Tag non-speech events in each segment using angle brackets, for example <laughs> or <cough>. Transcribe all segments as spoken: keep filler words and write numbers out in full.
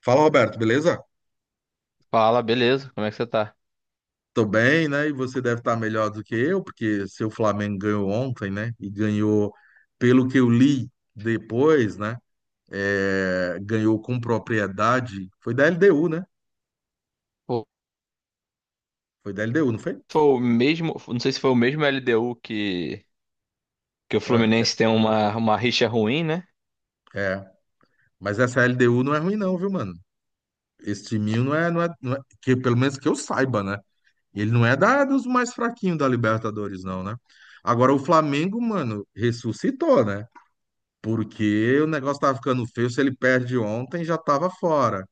Fala, Roberto, beleza? Fala, beleza? Como é que você tá? Tô bem, né? E você deve estar melhor do que eu, porque seu Flamengo ganhou ontem, né? E ganhou, pelo que eu li depois, né? É, ganhou com propriedade. Foi da L D U, né? Pô, Foi da L D U, não foi? foi o mesmo, não sei se foi o mesmo L D U que, que o Ah, Fluminense tem uma, uma rixa ruim, né? é, é. Mas essa L D U não é ruim, não, viu, mano? Esse timinho não é, não é, não é- que pelo menos que eu saiba, né? Ele não é da, dos mais fraquinhos da Libertadores, não, né? Agora o Flamengo, mano, ressuscitou, né? Porque o negócio tava ficando feio. Se ele perde ontem, já tava fora.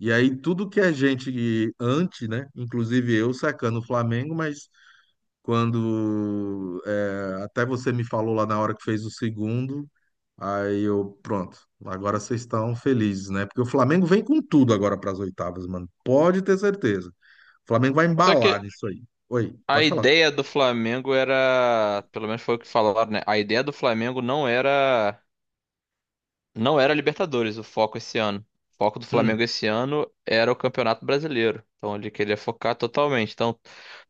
E aí, tudo que a gente antes, né? Inclusive eu sacando o Flamengo, mas quando é, até você me falou lá na hora que fez o segundo, aí eu, pronto, agora vocês estão felizes, né? Porque o Flamengo vem com tudo agora para as oitavas, mano. Pode ter certeza. O Flamengo vai Só embalar que nisso aí. Oi, a pode falar. ideia do Flamengo era, pelo menos foi o que falaram, né? A ideia do Flamengo não era, não era Libertadores, o foco esse ano. O foco do Hum. Flamengo esse ano era o Campeonato Brasileiro. Então ele queria focar totalmente. Então,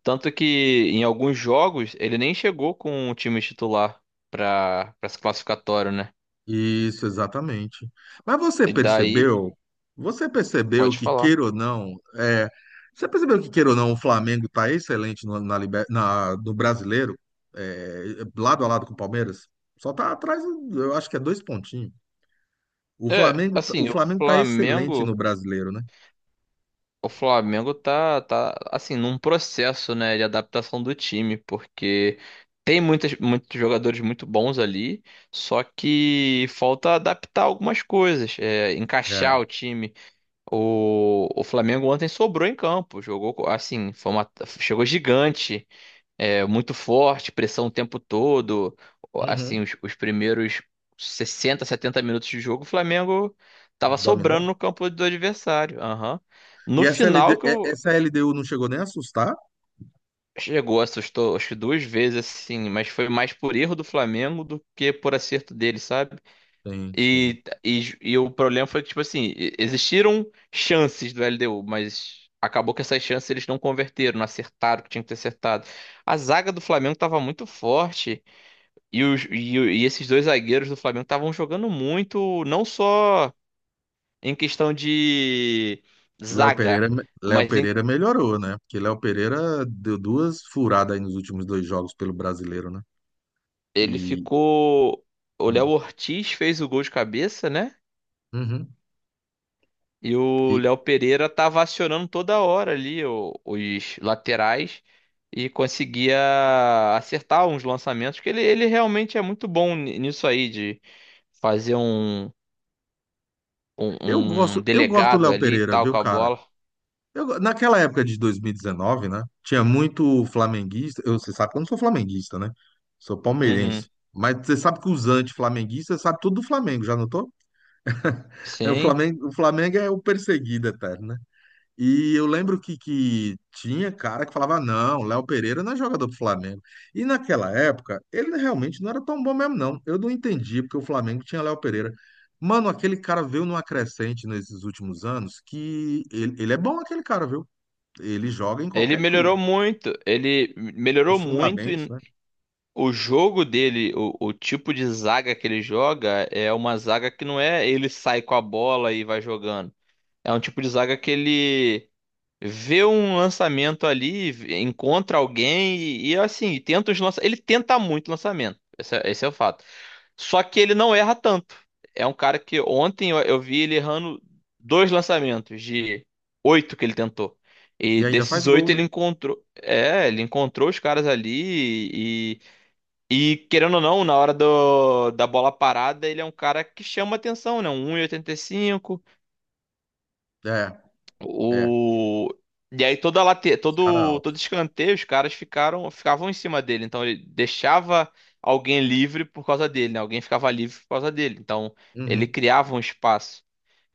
tanto que em alguns jogos ele nem chegou com o time titular para para esse classificatório, né? Isso, exatamente. Mas você E daí, percebeu? Você percebeu pode que, falar. queira ou não, é, você percebeu que, queira ou não, o Flamengo está excelente no, na, liber- na- no brasileiro, é, lado a lado com o Palmeiras? Só está atrás, eu acho que é dois pontinhos. O É, Flamengo, o assim, o Flamengo está excelente no Flamengo, brasileiro, né? o Flamengo tá, tá assim num processo, né, de adaptação do time, porque tem muitas, muitos jogadores muito bons ali, só que falta adaptar algumas coisas, é, É. encaixar o time. O, o Flamengo ontem sobrou em campo, jogou co- assim, foi uma- chegou gigante, é muito forte, pressão o tempo todo. Uhum. Assim, os, os primeiros sessenta setenta minutos de jogo, o Flamengo tava sobrando Dominou. no campo do adversário. Aham. No E essa LD, final que é- eu- essa L D U não chegou nem a assustar? chegou, assustou, acho que duas vezes assim, mas foi mais por erro do Flamengo do que por acerto dele, sabe? Sim, sim. E, e, e o problema foi que, tipo assim, e- existiram chances do L D U, mas acabou que essas chances eles não converteram, não acertaram o que tinha que ter acertado. A zaga do Flamengo estava muito forte. E, os- e o- e esses dois zagueiros do Flamengo estavam jogando muito, não só em questão de Léo zaga, Pereira, Léo mas em- Pereira melhorou, né? Porque Léo Pereira deu duas furadas aí nos últimos dois jogos pelo brasileiro, né? ele E, ficou. O Léo hum, Ortiz fez o gol de cabeça, né? uhum. E o E Léo Pereira tava acionando toda hora ali o- os laterais e conseguia acertar uns lançamentos, que ele, ele realmente é muito bom ni- nisso aí, de fazer um, um, eu um gosto, eu gosto do delegado Léo ali e Pereira, tal viu, com a cara? bola. Eu go- naquela época de dois mil e dezenove, né? Tinha muito flamenguista. Eu, você sabe que eu não sou flamenguista, né? Sou Uhum. palmeirense. Mas você sabe que os anti-flamenguistas sabem tudo do Flamengo, já notou? <laughs> É, O Sim, Flamengo, o Flamengo é o perseguido eterno, né? E eu lembro que, que tinha cara que falava, não, Léo Pereira não é jogador do Flamengo. E naquela época, ele realmente não era tão bom mesmo, não. Eu não entendi porque o Flamengo tinha Léo Pereira. Mano, aquele cara veio numa crescente nesses últimos anos que ele, ele é bom aquele cara, viu? Ele joga em ele qualquer melhorou clube. muito, ele melhorou Os muito fundamentos, e né? o jogo dele, o, o tipo de zaga que ele joga é uma zaga que não é ele sai com a bola e vai jogando. É um tipo de zaga que ele vê um lançamento ali, v- encontra alguém e, e, assim, tenta os lança... ele tenta muito lançamento. Esse é, esse é o fato. Só que ele não erra tanto. É um cara que ontem eu, eu vi ele errando dois lançamentos de oito que ele tentou. E E ainda faz desses gol, oito né? ele encontrou, é, ele encontrou os caras ali e, e querendo ou não, na hora do, da bola parada, ele é um cara que chama atenção, né? Um 1,85 É, é. o... E aí toda late... Esse cara é todo alto. todo escanteio os caras ficaram ficavam em cima dele, então ele deixava alguém livre por causa dele, né? Alguém ficava livre por causa dele. Então ele Uhum. criava um espaço.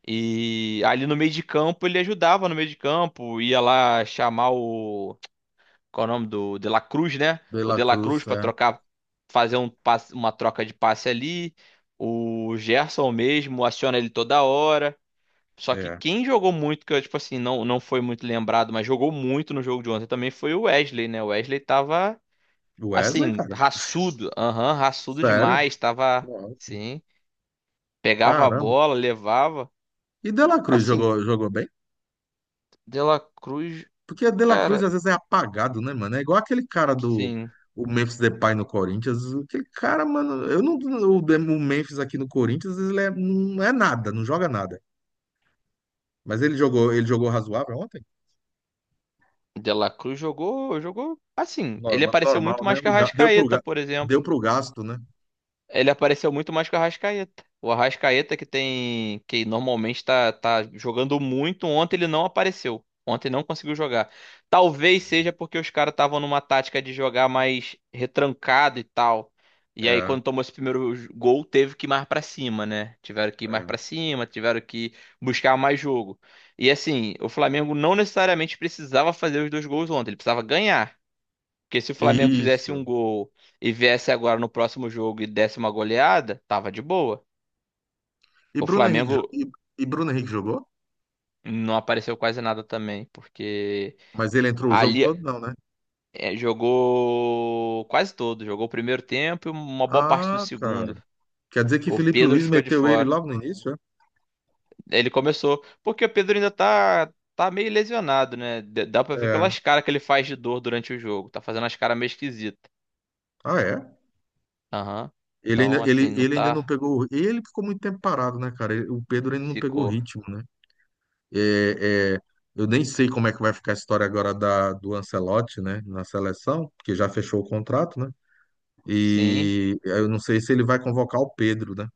E ali no meio de campo ele ajudava no meio de campo, ia lá chamar o qual é o nome do De La Cruz, né? De O La De La Cruz Cruz, para é, trocar fazer um passe- uma troca de passe ali. O Gerson mesmo aciona ele toda hora. Só que é. quem jogou muito, que eu, tipo assim, não, não foi muito lembrado, mas jogou muito no jogo de ontem também foi o Wesley, né? O Wesley tava, Wesley, assim, cara. raçudo. Aham, raçudo Sério? demais. Tava, Nossa. sim. Pegava a Caramba. bola, levava. E De La Cruz jogou, Assim, jogou bem? De La Cruz, Porque a De La Cruz cara, às vezes é apagado, né, mano? É igual aquele cara do sim. o Memphis Depay no Corinthians. Aquele cara, mano, eu não o, De- o Memphis aqui no Corinthians, ele é- não é nada, não joga nada. Mas ele jogou, ele jogou razoável ontem? De La Cruz jogou, jogou, assim, ele Normal, apareceu muito normal, né? mais que a O ga- Deu pro, Arrascaeta, ga- por exemplo. deu pro gasto, né? Ele apareceu muito mais que o Arrascaeta. O Arrascaeta que tem, que normalmente tá, tá jogando muito, ontem ele não apareceu. Ontem não conseguiu jogar. Talvez seja porque os caras estavam numa tática de jogar mais retrancado e tal. E aí É, quando tomou esse primeiro j- gol, teve que ir mais pra cima, né? Tiveram que ir mais é. pra cima, tiveram que buscar mais jogo. E assim, o Flamengo não necessariamente precisava fazer os dois gols ontem, ele precisava ganhar. Porque se o Flamengo fizesse um Isso. gol e viesse agora no próximo jogo e desse uma goleada, tava de boa. E O Bruno Henrique, Flamengo jo- e, e Bruno Henrique jogou? não apareceu quase nada também, porque Mas ele entrou o jogo ali todo, não, né? eh, jogou quase todo, jogou o primeiro tempo e uma boa parte do Ah, cara. segundo. Quer dizer que O Felipe Pedro Luiz ficou de meteu ele fora. logo no início, Ele começou, porque o Pedro ainda tá tá meio lesionado, né? D- Dá pra é? ver É. pelas caras que ele faz de dor durante o jogo. Tá fazendo as caras meio esquisitas. Ah, é? Aham. Ele ainda, Então, assim, ele, não ele ainda não tá. pegou. Ele ficou muito tempo parado, né, cara? Ele- O Pedro ainda não pegou Ficou. ritmo, né? É, é, eu nem sei como é que vai ficar a história agora da, do Ancelotti, né, na seleção, porque já fechou o contrato, né? Sim. E eu não sei se ele vai convocar o Pedro, né,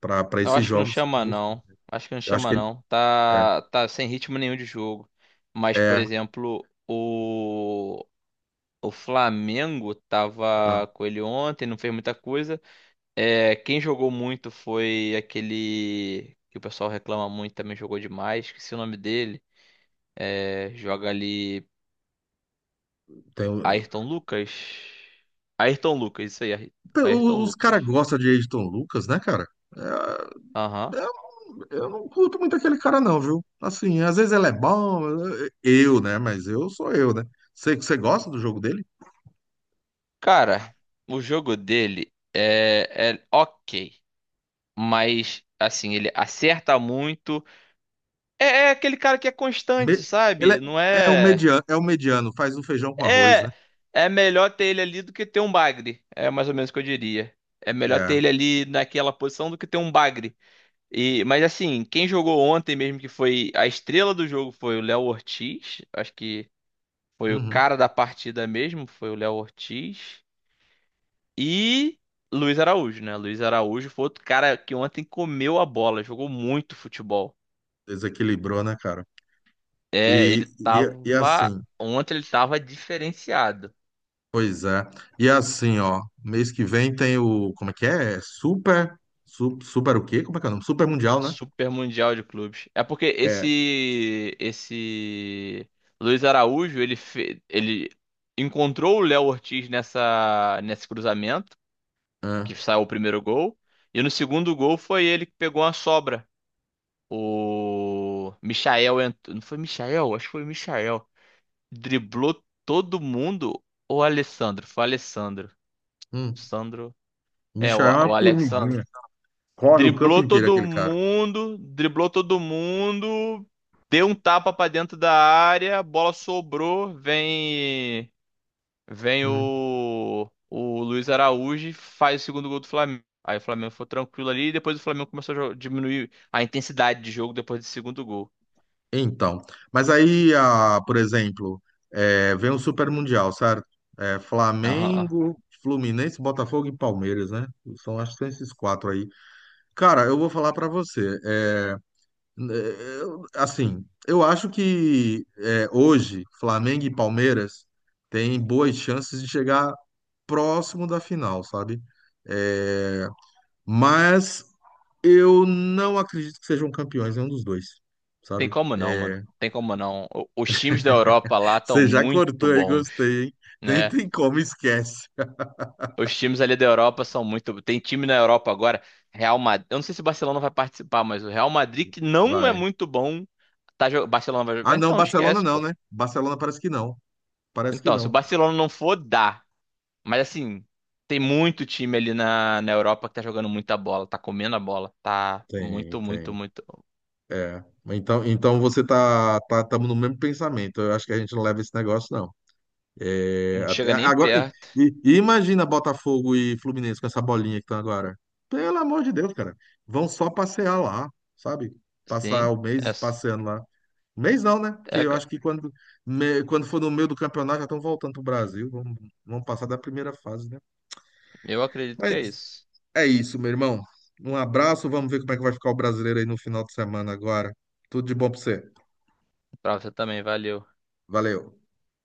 para para Eu esses acho que não jogos. chama não. Acho que não Eu acho chama que ele. não. É, Tá, tá sem ritmo nenhum de jogo. Mas, por é, exemplo, o o Flamengo ah, tava com ele ontem, não fez muita coisa. É, quem jogou muito foi aquele que o pessoal reclama muito, também jogou demais, esqueci o nome dele. É, joga ali tem, o- Ayrton Lucas. Ayrton Lucas, isso aí, Ay- Ayrton o- os Lucas. caras gostam de Ayrton Lucas, né, cara? É, Aham. eu não curto muito aquele cara, não, viu? Assim, às vezes ele é bom, eu, né? Mas eu sou eu, né? Você, você gosta do jogo dele? Cara, o jogo dele é, é ok. Mas assim, ele acerta muito. É, é aquele cara que é constante, Me- ele é, sabe? Não é o é. mediano, é o mediano, faz um feijão com arroz, né? É. É melhor ter ele ali do que ter um bagre. É mais ou menos o que eu diria. É melhor ter É. ele ali naquela posição do que ter um bagre. E, mas assim, quem jogou ontem mesmo que foi a estrela do jogo foi o Léo Ortiz. Acho que foi o Uhum. cara da partida mesmo, foi o Léo Ortiz. E Luiz Araújo, né? Luiz Araújo foi outro cara que ontem comeu a bola, jogou muito futebol. Desequilibrou, né, cara? É, E, ele e, e tava. assim, Ontem ele tava diferenciado. pois é. E assim, ó, mês que vem tem o, como é que é? É Super, su, super o quê? Como é que é o nome? Super Mundial, né? Super Mundial de Clubes. É porque É. esse. Esse. Luiz Araújo, ele, fe- ele encontrou o Léo Ortiz nessa... nesse cruzamento, que É. saiu o primeiro gol. E no segundo gol foi ele que pegou uma sobra. O Michael entrou. Não foi Michael? Acho que foi Michael. Driblou todo mundo. Ou Alessandro? Foi Alessandro. Hum. Sandro. É, o, Michael é o uma Alexandre. formiguinha. Corre o campo Driblou inteiro todo aquele cara. mundo, driblou todo mundo, deu um tapa pra dentro da área, a bola sobrou, vem vem Hum. o o Luiz Araújo, e faz o segundo gol do Flamengo. Aí o Flamengo foi tranquilo ali e depois o Flamengo começou a jo- diminuir a intensidade de jogo depois do segundo gol. Então, mas aí, ah, por exemplo, eh, vem o Super Mundial, certo? Eh, Aham. Flamengo, Fluminense, Botafogo e Palmeiras, né? São, acho que são esses quatro aí. Cara, eu vou falar pra você. Eh, n- eh, eu- assim, eu acho que eh, hoje Flamengo e Palmeiras têm boas chances de chegar próximo da final, sabe? Eh, mas eu não acredito que sejam campeões nenhum dos dois, Tem sabe? como não, mano. É, Tem como não. O- os times da Europa lá estão você já muito cortou aí, bons, gostei, hein? Nem né? tem como, esquece. Os times ali da Europa são muito. Tem time na Europa agora, Real Madrid. Eu não sei se o Barcelona vai participar, mas o Real Madrid, que não é Vai. muito bom, tá jogando. Barcelona vai Ah, jogar. não, Então, Barcelona esquece, não, pô. né? Barcelona parece que não. Parece que Então, se o não. Barcelona não for, dá. Mas assim, tem muito time ali na, na Europa que tá jogando muita bola, tá comendo a bola. Tá muito, Tem, muito, tem. muito. É. Então, então você tá, tá, tamo no mesmo pensamento. Eu acho que a gente não leva esse negócio, não. É, Não até- chega nem agora, e, perto. e- e imagina Botafogo e Fluminense com essa bolinha que estão agora. Pelo amor de Deus, cara. Vão só passear lá, sabe? Passar Sim, o é, mês passeando lá. Mês não, né? Porque eu é- acho que quando, me- quando for no meio do campeonato já estão voltando para o Brasil. Vamos, vamos passar da primeira fase, né? eu acredito que é Mas isso. é isso, meu irmão. Um abraço. Vamos ver como é que vai ficar o brasileiro aí no final de semana agora. Tudo de bom para você. Pra você também, valeu. Valeu.